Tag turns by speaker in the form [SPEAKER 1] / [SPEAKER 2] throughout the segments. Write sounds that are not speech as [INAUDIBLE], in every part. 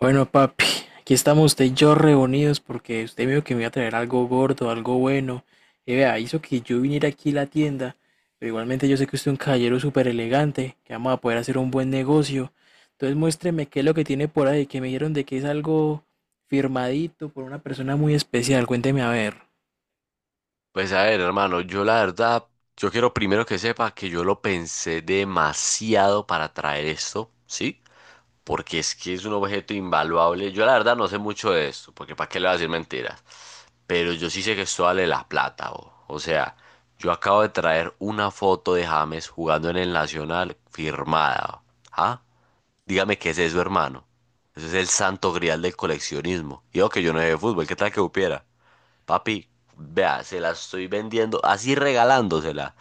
[SPEAKER 1] Bueno, papi, aquí estamos usted y yo reunidos porque usted me dijo que me iba a traer algo gordo, algo bueno. Y vea, hizo que yo viniera aquí a la tienda, pero igualmente yo sé que usted es un caballero súper elegante, que vamos a poder hacer un buen negocio. Entonces muéstreme qué es lo que tiene por ahí, que me dijeron de que es algo firmadito por una persona muy especial. Cuénteme a ver.
[SPEAKER 2] Pues a ver, hermano, yo la verdad, yo quiero primero que sepa que yo lo pensé demasiado para traer esto, ¿sí? Porque es que es un objeto invaluable. Yo la verdad no sé mucho de esto, porque ¿para qué le voy a decir mentiras? Pero yo sí sé que esto vale la plata, bo. O sea, yo acabo de traer una foto de James jugando en el Nacional firmada, bo. ¿Ah? Dígame qué es eso, hermano. Eso es el santo grial del coleccionismo. Y yo que yo no sé de fútbol, ¿qué tal que supiera? Papi, vea, se la estoy vendiendo, así regalándosela.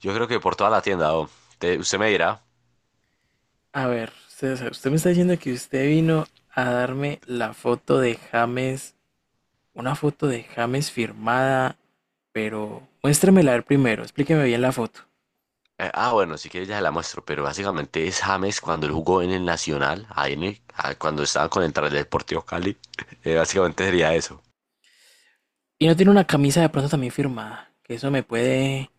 [SPEAKER 2] Yo creo que por toda la tienda, oh. Usted me dirá.
[SPEAKER 1] A ver, usted me está diciendo que usted vino a darme la foto de James. Una foto de James firmada, pero muéstremela a ver primero, explíqueme bien la foto.
[SPEAKER 2] Bueno, si quieres ya se la muestro, pero básicamente es James cuando él jugó en el Nacional, ahí en cuando estaba con el Deportivo Cali. [LAUGHS] Básicamente sería eso.
[SPEAKER 1] Y no tiene una camisa de pronto también firmada, que eso me puede...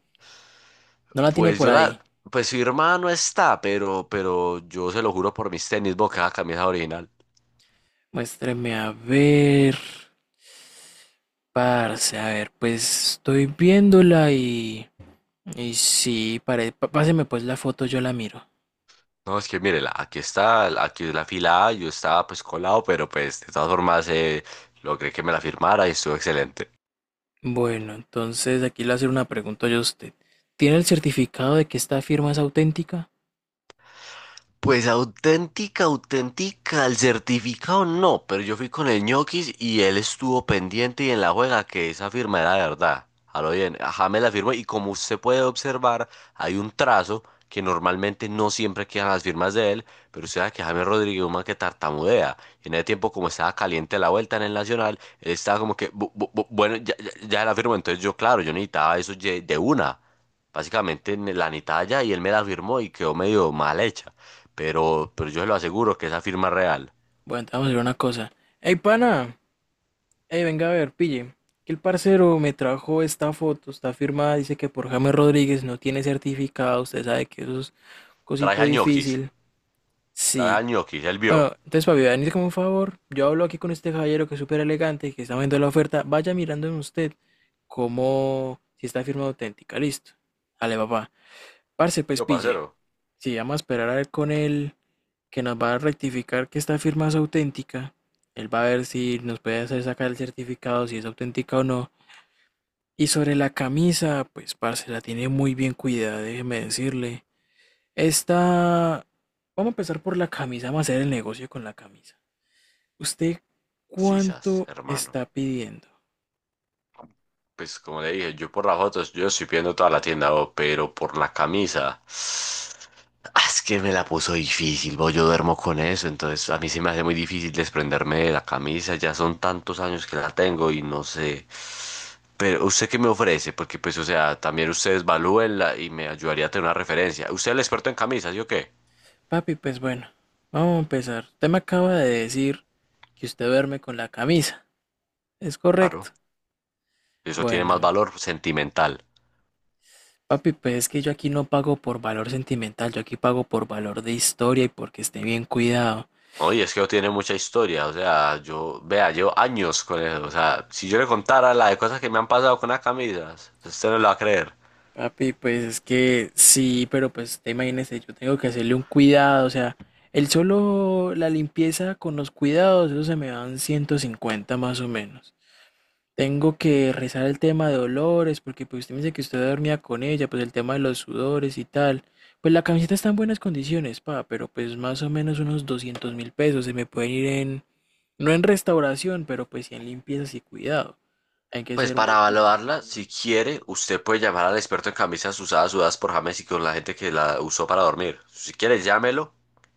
[SPEAKER 1] No la tiene
[SPEAKER 2] Pues
[SPEAKER 1] por
[SPEAKER 2] yo
[SPEAKER 1] ahí.
[SPEAKER 2] la, pues su hermano está, pero yo se lo juro por mis tenis, boca, camisa original.
[SPEAKER 1] Muéstreme a ver, parce, a ver, pues estoy viéndola y... Y sí, páseme pues la foto, yo la miro.
[SPEAKER 2] No, es que mírela, aquí está, aquí es la fila A, yo estaba pues colado, pero pues de todas formas logré que me la firmara y estuvo excelente.
[SPEAKER 1] Bueno, entonces aquí le voy a hacer una pregunta yo a usted. ¿Tiene el certificado de que esta firma es auténtica?
[SPEAKER 2] Pues auténtica, auténtica, el certificado no, pero yo fui con el ñoquis y él estuvo pendiente y en la juega que esa firma era verdad. A lo bien, ajá, me la firmó y como usted puede observar, hay un trazo que normalmente no siempre quedan las firmas de él, pero usted sabe que James Rodríguez es un man que tartamudea. Y en ese tiempo, como estaba caliente la vuelta en el Nacional, él estaba como que, "Bueno, ya, ya, ya la firmó", entonces yo, claro, yo necesitaba de una. Básicamente la necesitaba ya y él me la firmó y quedó medio mal hecha. Pero yo se lo aseguro que esa firma es real.
[SPEAKER 1] Bueno, entonces vamos a hacer una cosa. ¡Ey, pana! Ey, venga a ver, pille. Que el parcero me trajo esta foto, está firmada, dice que por James Rodríguez no tiene certificado, usted sabe que eso es
[SPEAKER 2] Trae
[SPEAKER 1] cosito
[SPEAKER 2] al ñoquis,
[SPEAKER 1] difícil.
[SPEAKER 2] trae
[SPEAKER 1] Sí.
[SPEAKER 2] al ñoquis, él vio.
[SPEAKER 1] Bueno, entonces, papi, venir como un favor. Yo hablo aquí con este caballero que es súper elegante, que está viendo la oferta. Vaya mirando en usted como si está firma auténtica. Listo. Dale, papá. Parce, pues
[SPEAKER 2] Yo,
[SPEAKER 1] pille.
[SPEAKER 2] parcero.
[SPEAKER 1] Si vamos a esperar a ver con él, que nos va a rectificar que esta firma es auténtica. Él va a ver si nos puede hacer sacar el certificado, si es auténtica o no. Y sobre la camisa, pues parce, la tiene muy bien cuidada, déjeme decirle. Esta... Vamos a empezar por la camisa, vamos a hacer el negocio con la camisa. ¿Usted
[SPEAKER 2] Sisas,
[SPEAKER 1] cuánto
[SPEAKER 2] hermano.
[SPEAKER 1] está pidiendo?
[SPEAKER 2] Pues como le dije, yo por las fotos, yo estoy viendo toda la tienda, bo, pero por la camisa. Es que me la puso difícil, bo, yo duermo con eso, entonces a mí se me hace muy difícil desprenderme de la camisa, ya son tantos años que la tengo y no sé. Pero usted qué me ofrece, porque pues o sea, también ustedes valúenla y me ayudaría a tener una referencia. ¿Usted es el experto en camisas, yo qué?
[SPEAKER 1] Papi, pues bueno, vamos a empezar. Usted me acaba de decir que usted duerme con la camisa. ¿Es
[SPEAKER 2] Claro.
[SPEAKER 1] correcto?
[SPEAKER 2] Eso tiene más
[SPEAKER 1] Bueno,
[SPEAKER 2] valor sentimental.
[SPEAKER 1] papi, pues es que yo aquí no pago por valor sentimental, yo aquí pago por valor de historia y porque esté bien cuidado.
[SPEAKER 2] Oye, es que tiene mucha historia, o sea, yo, vea, llevo años con eso, o sea, si yo le contara la de cosas que me han pasado con las camisas, usted no lo va a creer.
[SPEAKER 1] Papi, pues es que sí, pero pues usted imagínese, yo tengo que hacerle un cuidado, o sea, el solo la limpieza con los cuidados, eso se me dan 150 más o menos. Tengo que rezar el tema de dolores, porque pues usted me dice que usted dormía con ella, pues el tema de los sudores y tal. Pues la camiseta está en buenas condiciones, pa, pero pues más o menos unos $200.000 se me pueden ir en, no en restauración, pero pues sí en limpiezas y cuidado. Hay que
[SPEAKER 2] Pues
[SPEAKER 1] ser
[SPEAKER 2] para
[SPEAKER 1] muy cuidadoso.
[SPEAKER 2] evaluarla, si quiere, usted puede llamar al experto en camisas usadas, sudadas por James y con la gente que la usó para dormir. Si quiere, llámelo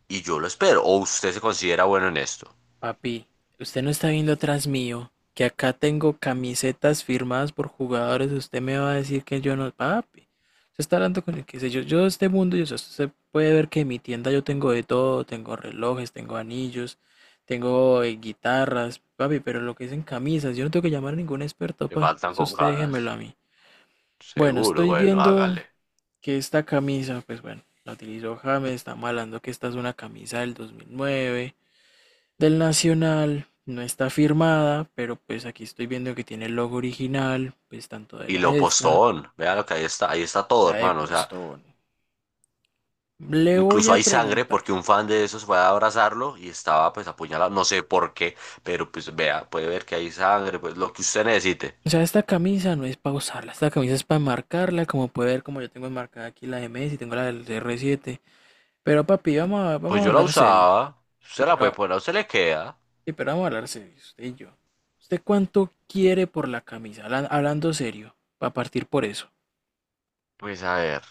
[SPEAKER 2] y yo lo espero. O usted se considera bueno en esto.
[SPEAKER 1] Papi, usted no está viendo atrás mío, que acá tengo camisetas firmadas por jugadores. Usted me va a decir que yo no. Papi, usted está hablando con el que sé yo. Yo de este mundo, yo sé, usted puede ver que en mi tienda yo tengo de todo: tengo relojes, tengo anillos, tengo guitarras, papi, pero lo que dicen camisas, yo no tengo que llamar a ningún experto,
[SPEAKER 2] Me
[SPEAKER 1] pa.
[SPEAKER 2] faltan
[SPEAKER 1] Eso usted
[SPEAKER 2] cocadas.
[SPEAKER 1] déjemelo a mí. Bueno,
[SPEAKER 2] Seguro,
[SPEAKER 1] estoy
[SPEAKER 2] bueno,
[SPEAKER 1] viendo
[SPEAKER 2] hágale.
[SPEAKER 1] que esta camisa, pues bueno, la utilizó James, está malando que esta es una camisa del 2009 del Nacional. No está firmada, pero pues aquí estoy viendo que tiene el logo original, pues tanto de
[SPEAKER 2] Y
[SPEAKER 1] la
[SPEAKER 2] lo
[SPEAKER 1] esta,
[SPEAKER 2] postón, vea lo que ahí está todo,
[SPEAKER 1] la de
[SPEAKER 2] hermano, o sea.
[SPEAKER 1] Postón. Le voy
[SPEAKER 2] Incluso
[SPEAKER 1] a
[SPEAKER 2] hay sangre
[SPEAKER 1] preguntar.
[SPEAKER 2] porque un fan de esos fue a abrazarlo y estaba pues apuñalado, no sé por qué, pero pues vea, puede ver que hay sangre, pues lo que usted necesite.
[SPEAKER 1] O sea, esta camisa no es para usarla, esta camisa es para marcarla, como puede ver, como yo tengo enmarcada aquí la de Messi, tengo la del R7. Pero papi, vamos
[SPEAKER 2] Pues
[SPEAKER 1] a
[SPEAKER 2] yo la
[SPEAKER 1] hablar serios.
[SPEAKER 2] usaba,
[SPEAKER 1] Sí,
[SPEAKER 2] usted la puede
[SPEAKER 1] pero,
[SPEAKER 2] poner, a usted le queda.
[SPEAKER 1] sí, pero vamos a hablar serios, usted y yo. ¿Usted cuánto quiere por la camisa? Hablando serio, para partir por eso.
[SPEAKER 2] Pues a ver,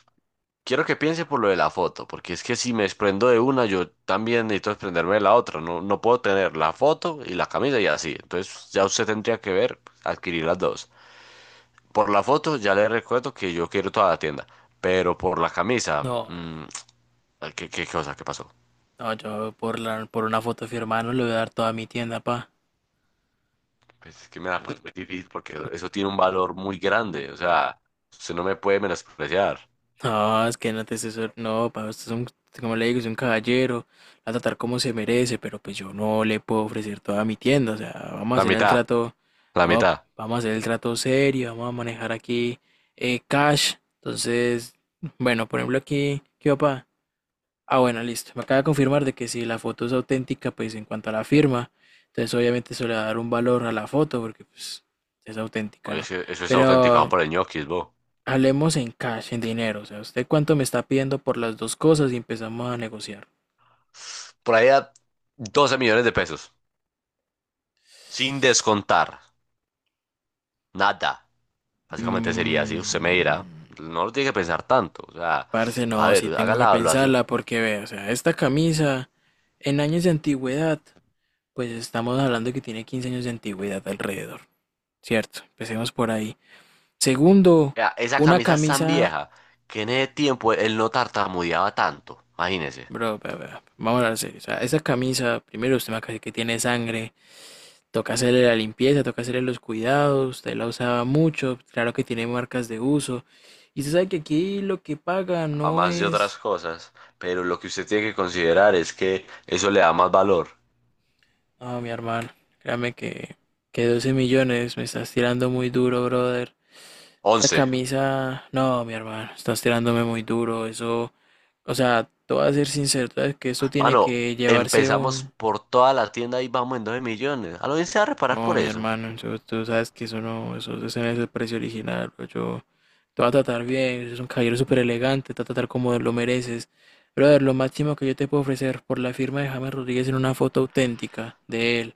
[SPEAKER 2] quiero que piense por lo de la foto, porque es que si me desprendo de una, yo también necesito desprenderme de la otra, no, no puedo tener la foto y la camisa y así, entonces ya usted tendría que ver, adquirir las dos. Por la foto ya le recuerdo que yo quiero toda la tienda, pero por la camisa,
[SPEAKER 1] No, no,
[SPEAKER 2] ¿qué, qué cosa? ¿Qué pasó?
[SPEAKER 1] no, yo por la, por una foto firmada no le voy a dar toda mi tienda, pa.
[SPEAKER 2] Pues es que me da pones muy difícil porque eso tiene un valor muy grande. O sea, usted no me puede menospreciar.
[SPEAKER 1] No, es que no, pa, usted es un, como le digo, es un caballero. La va a tratar como se merece, pero pues yo no le puedo ofrecer toda mi tienda. O sea, vamos a
[SPEAKER 2] La
[SPEAKER 1] hacer el
[SPEAKER 2] mitad,
[SPEAKER 1] trato,
[SPEAKER 2] la
[SPEAKER 1] no,
[SPEAKER 2] mitad.
[SPEAKER 1] vamos a hacer el trato serio, vamos a manejar aquí cash. Entonces, bueno, por ejemplo aquí, ¿qué va, pa? Ah, bueno, listo. Me acaba de confirmar de que si la foto es auténtica, pues en cuanto a la firma, entonces obviamente eso le va a dar un valor a la foto porque pues es auténtica,
[SPEAKER 2] Oye,
[SPEAKER 1] ¿no?
[SPEAKER 2] es que eso es autenticado
[SPEAKER 1] Pero
[SPEAKER 2] por el ñoquis, bo.
[SPEAKER 1] hablemos en cash, en dinero. O sea, ¿usted cuánto me está pidiendo por las dos cosas y empezamos a negociar?
[SPEAKER 2] Por ahí a 12.000.000 de pesos. Sin descontar. Nada. Básicamente sería así. Usted me
[SPEAKER 1] Mm,
[SPEAKER 2] dirá. No lo tiene que pensar tanto. O sea,
[SPEAKER 1] parce,
[SPEAKER 2] a
[SPEAKER 1] no, sí
[SPEAKER 2] ver, haga
[SPEAKER 1] tengo
[SPEAKER 2] la
[SPEAKER 1] que
[SPEAKER 2] evaluación.
[SPEAKER 1] pensarla porque ve, o sea, esta camisa en años de antigüedad, pues estamos hablando que tiene 15 años de antigüedad alrededor, ¿cierto? Empecemos por ahí. Segundo,
[SPEAKER 2] Vea, esa
[SPEAKER 1] una
[SPEAKER 2] camisa es tan
[SPEAKER 1] camisa...
[SPEAKER 2] vieja que en ese tiempo él no tartamudeaba tanto. Imagínese.
[SPEAKER 1] Bro, vea, vea, vamos a hablar serio. O sea, esa camisa, primero usted me acaba de decir que tiene sangre, toca hacerle la limpieza, toca hacerle los cuidados, usted la usaba mucho, claro que tiene marcas de uso. Y usted sabe que aquí lo que paga
[SPEAKER 2] A
[SPEAKER 1] no
[SPEAKER 2] más de otras
[SPEAKER 1] es...
[SPEAKER 2] cosas, pero lo que usted tiene que considerar es que eso le da más valor.
[SPEAKER 1] Ah, mi hermano, créame que 12 millones me estás tirando muy duro, brother. Esa
[SPEAKER 2] 11.
[SPEAKER 1] camisa, no, mi hermano, estás tirándome muy duro, eso... O sea, te voy a ser sincero, tú sabes que esto tiene
[SPEAKER 2] Mano,
[SPEAKER 1] que llevarse
[SPEAKER 2] empezamos
[SPEAKER 1] un...
[SPEAKER 2] por toda la tienda y vamos en 12.000.000. A lo bien se va a reparar
[SPEAKER 1] Oh,
[SPEAKER 2] por
[SPEAKER 1] mi
[SPEAKER 2] eso.
[SPEAKER 1] hermano, tú sabes que eso no, eso, ese no es el precio original, bro. Yo te voy a tratar bien, eres un caballero súper elegante, te voy a tratar como lo mereces. Brother, lo máximo que yo te puedo ofrecer por la firma de James Rodríguez en una foto auténtica de él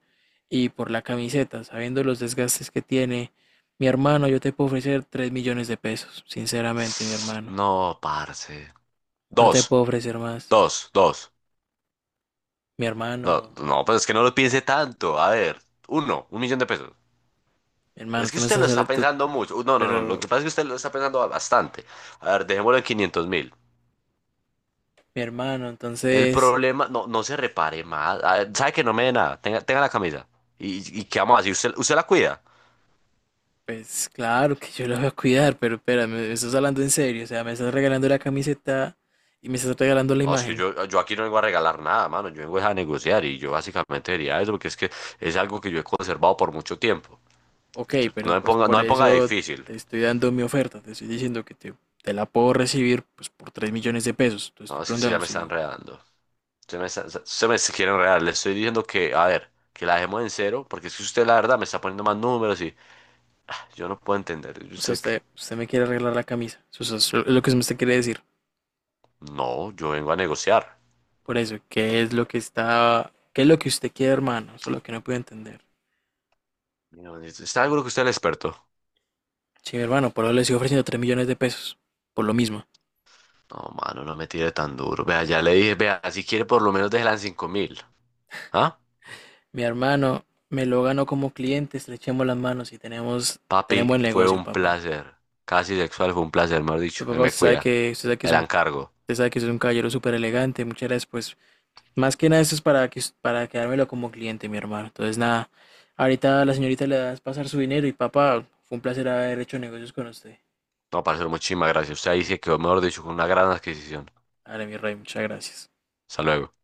[SPEAKER 1] y por la camiseta, sabiendo los desgastes que tiene, mi hermano, yo te puedo ofrecer 3 millones de pesos, sinceramente, mi hermano.
[SPEAKER 2] No, parce.
[SPEAKER 1] No te
[SPEAKER 2] Dos,
[SPEAKER 1] puedo ofrecer más.
[SPEAKER 2] dos, dos.
[SPEAKER 1] Mi
[SPEAKER 2] No,
[SPEAKER 1] hermano,
[SPEAKER 2] no, pues es que no lo piense tanto. A ver, uno, 1.000.000 de pesos.
[SPEAKER 1] mi hermano,
[SPEAKER 2] Es que
[SPEAKER 1] tú me
[SPEAKER 2] usted
[SPEAKER 1] estás
[SPEAKER 2] lo
[SPEAKER 1] hablando,
[SPEAKER 2] está pensando mucho. No, no, no, lo
[SPEAKER 1] pero
[SPEAKER 2] que pasa es que usted lo está pensando bastante. A ver, dejémoslo en 500.000.
[SPEAKER 1] mi hermano,
[SPEAKER 2] El
[SPEAKER 1] entonces...
[SPEAKER 2] problema, no, no se repare más. Ah, sabe que no me dé nada. Tenga, tenga la camisa. ¿Y qué vamos a hacer? ¿Usted la cuida?
[SPEAKER 1] Pues claro que yo lo voy a cuidar, pero espera, me estás hablando en serio, o sea, me estás regalando la camiseta y me estás regalando la
[SPEAKER 2] No, es que
[SPEAKER 1] imagen.
[SPEAKER 2] yo aquí no vengo a regalar nada, mano. Yo vengo es a negociar y yo básicamente diría eso porque es que es algo que yo he conservado por mucho tiempo.
[SPEAKER 1] Ok,
[SPEAKER 2] Entonces, no
[SPEAKER 1] pero
[SPEAKER 2] me
[SPEAKER 1] pues
[SPEAKER 2] ponga, no
[SPEAKER 1] por
[SPEAKER 2] me ponga
[SPEAKER 1] eso
[SPEAKER 2] difícil.
[SPEAKER 1] te estoy dando mi oferta, te estoy diciendo que te la puedo recibir pues por 3 millones de pesos. Te
[SPEAKER 2] No,
[SPEAKER 1] estoy
[SPEAKER 2] es que usted ya
[SPEAKER 1] preguntando
[SPEAKER 2] me está
[SPEAKER 1] si,
[SPEAKER 2] enredando. Usted me quiere enredar. Le estoy diciendo que, a ver, que la dejemos en cero porque es que usted la verdad me está poniendo más números y yo no puedo entender. Yo
[SPEAKER 1] o sea,
[SPEAKER 2] sé que
[SPEAKER 1] usted me quiere arreglar la camisa. O sea, eso es lo que usted quiere decir.
[SPEAKER 2] no, yo vengo a negociar.
[SPEAKER 1] Por eso, ¿qué es lo que está, qué es lo que usted quiere, hermano? Eso es lo que no puedo entender.
[SPEAKER 2] Mira, está algo que usted es el experto.
[SPEAKER 1] Sí, hermano, por eso le estoy ofreciendo 3 millones de pesos, por lo mismo.
[SPEAKER 2] No, mano, no me tire tan duro. Vea, ya le dije, vea, si quiere por lo menos déjela en 5 mil. ¿Ah?
[SPEAKER 1] Mi hermano, me lo ganó como cliente, estrechemos las manos y tenemos,
[SPEAKER 2] Papi,
[SPEAKER 1] tenemos el
[SPEAKER 2] fue
[SPEAKER 1] negocio,
[SPEAKER 2] un
[SPEAKER 1] papá.
[SPEAKER 2] placer. Casi sexual fue un placer, mejor dicho.
[SPEAKER 1] Tu
[SPEAKER 2] Él
[SPEAKER 1] papá,
[SPEAKER 2] me cuida.
[SPEAKER 1] usted sabe que es
[SPEAKER 2] El
[SPEAKER 1] un,
[SPEAKER 2] encargo.
[SPEAKER 1] usted sabe que es un caballero súper elegante, muchas gracias, pues. Más que nada, esto es para, que, para quedármelo como cliente, mi hermano. Entonces, nada, ahorita a la señorita le das pasar su dinero y papá, fue un placer haber hecho negocios con usted.
[SPEAKER 2] No, parcero, muchísimas gracias. Usted ahí se quedó, mejor dicho, con una gran adquisición.
[SPEAKER 1] Dale, mi rey, muchas gracias.
[SPEAKER 2] Hasta luego.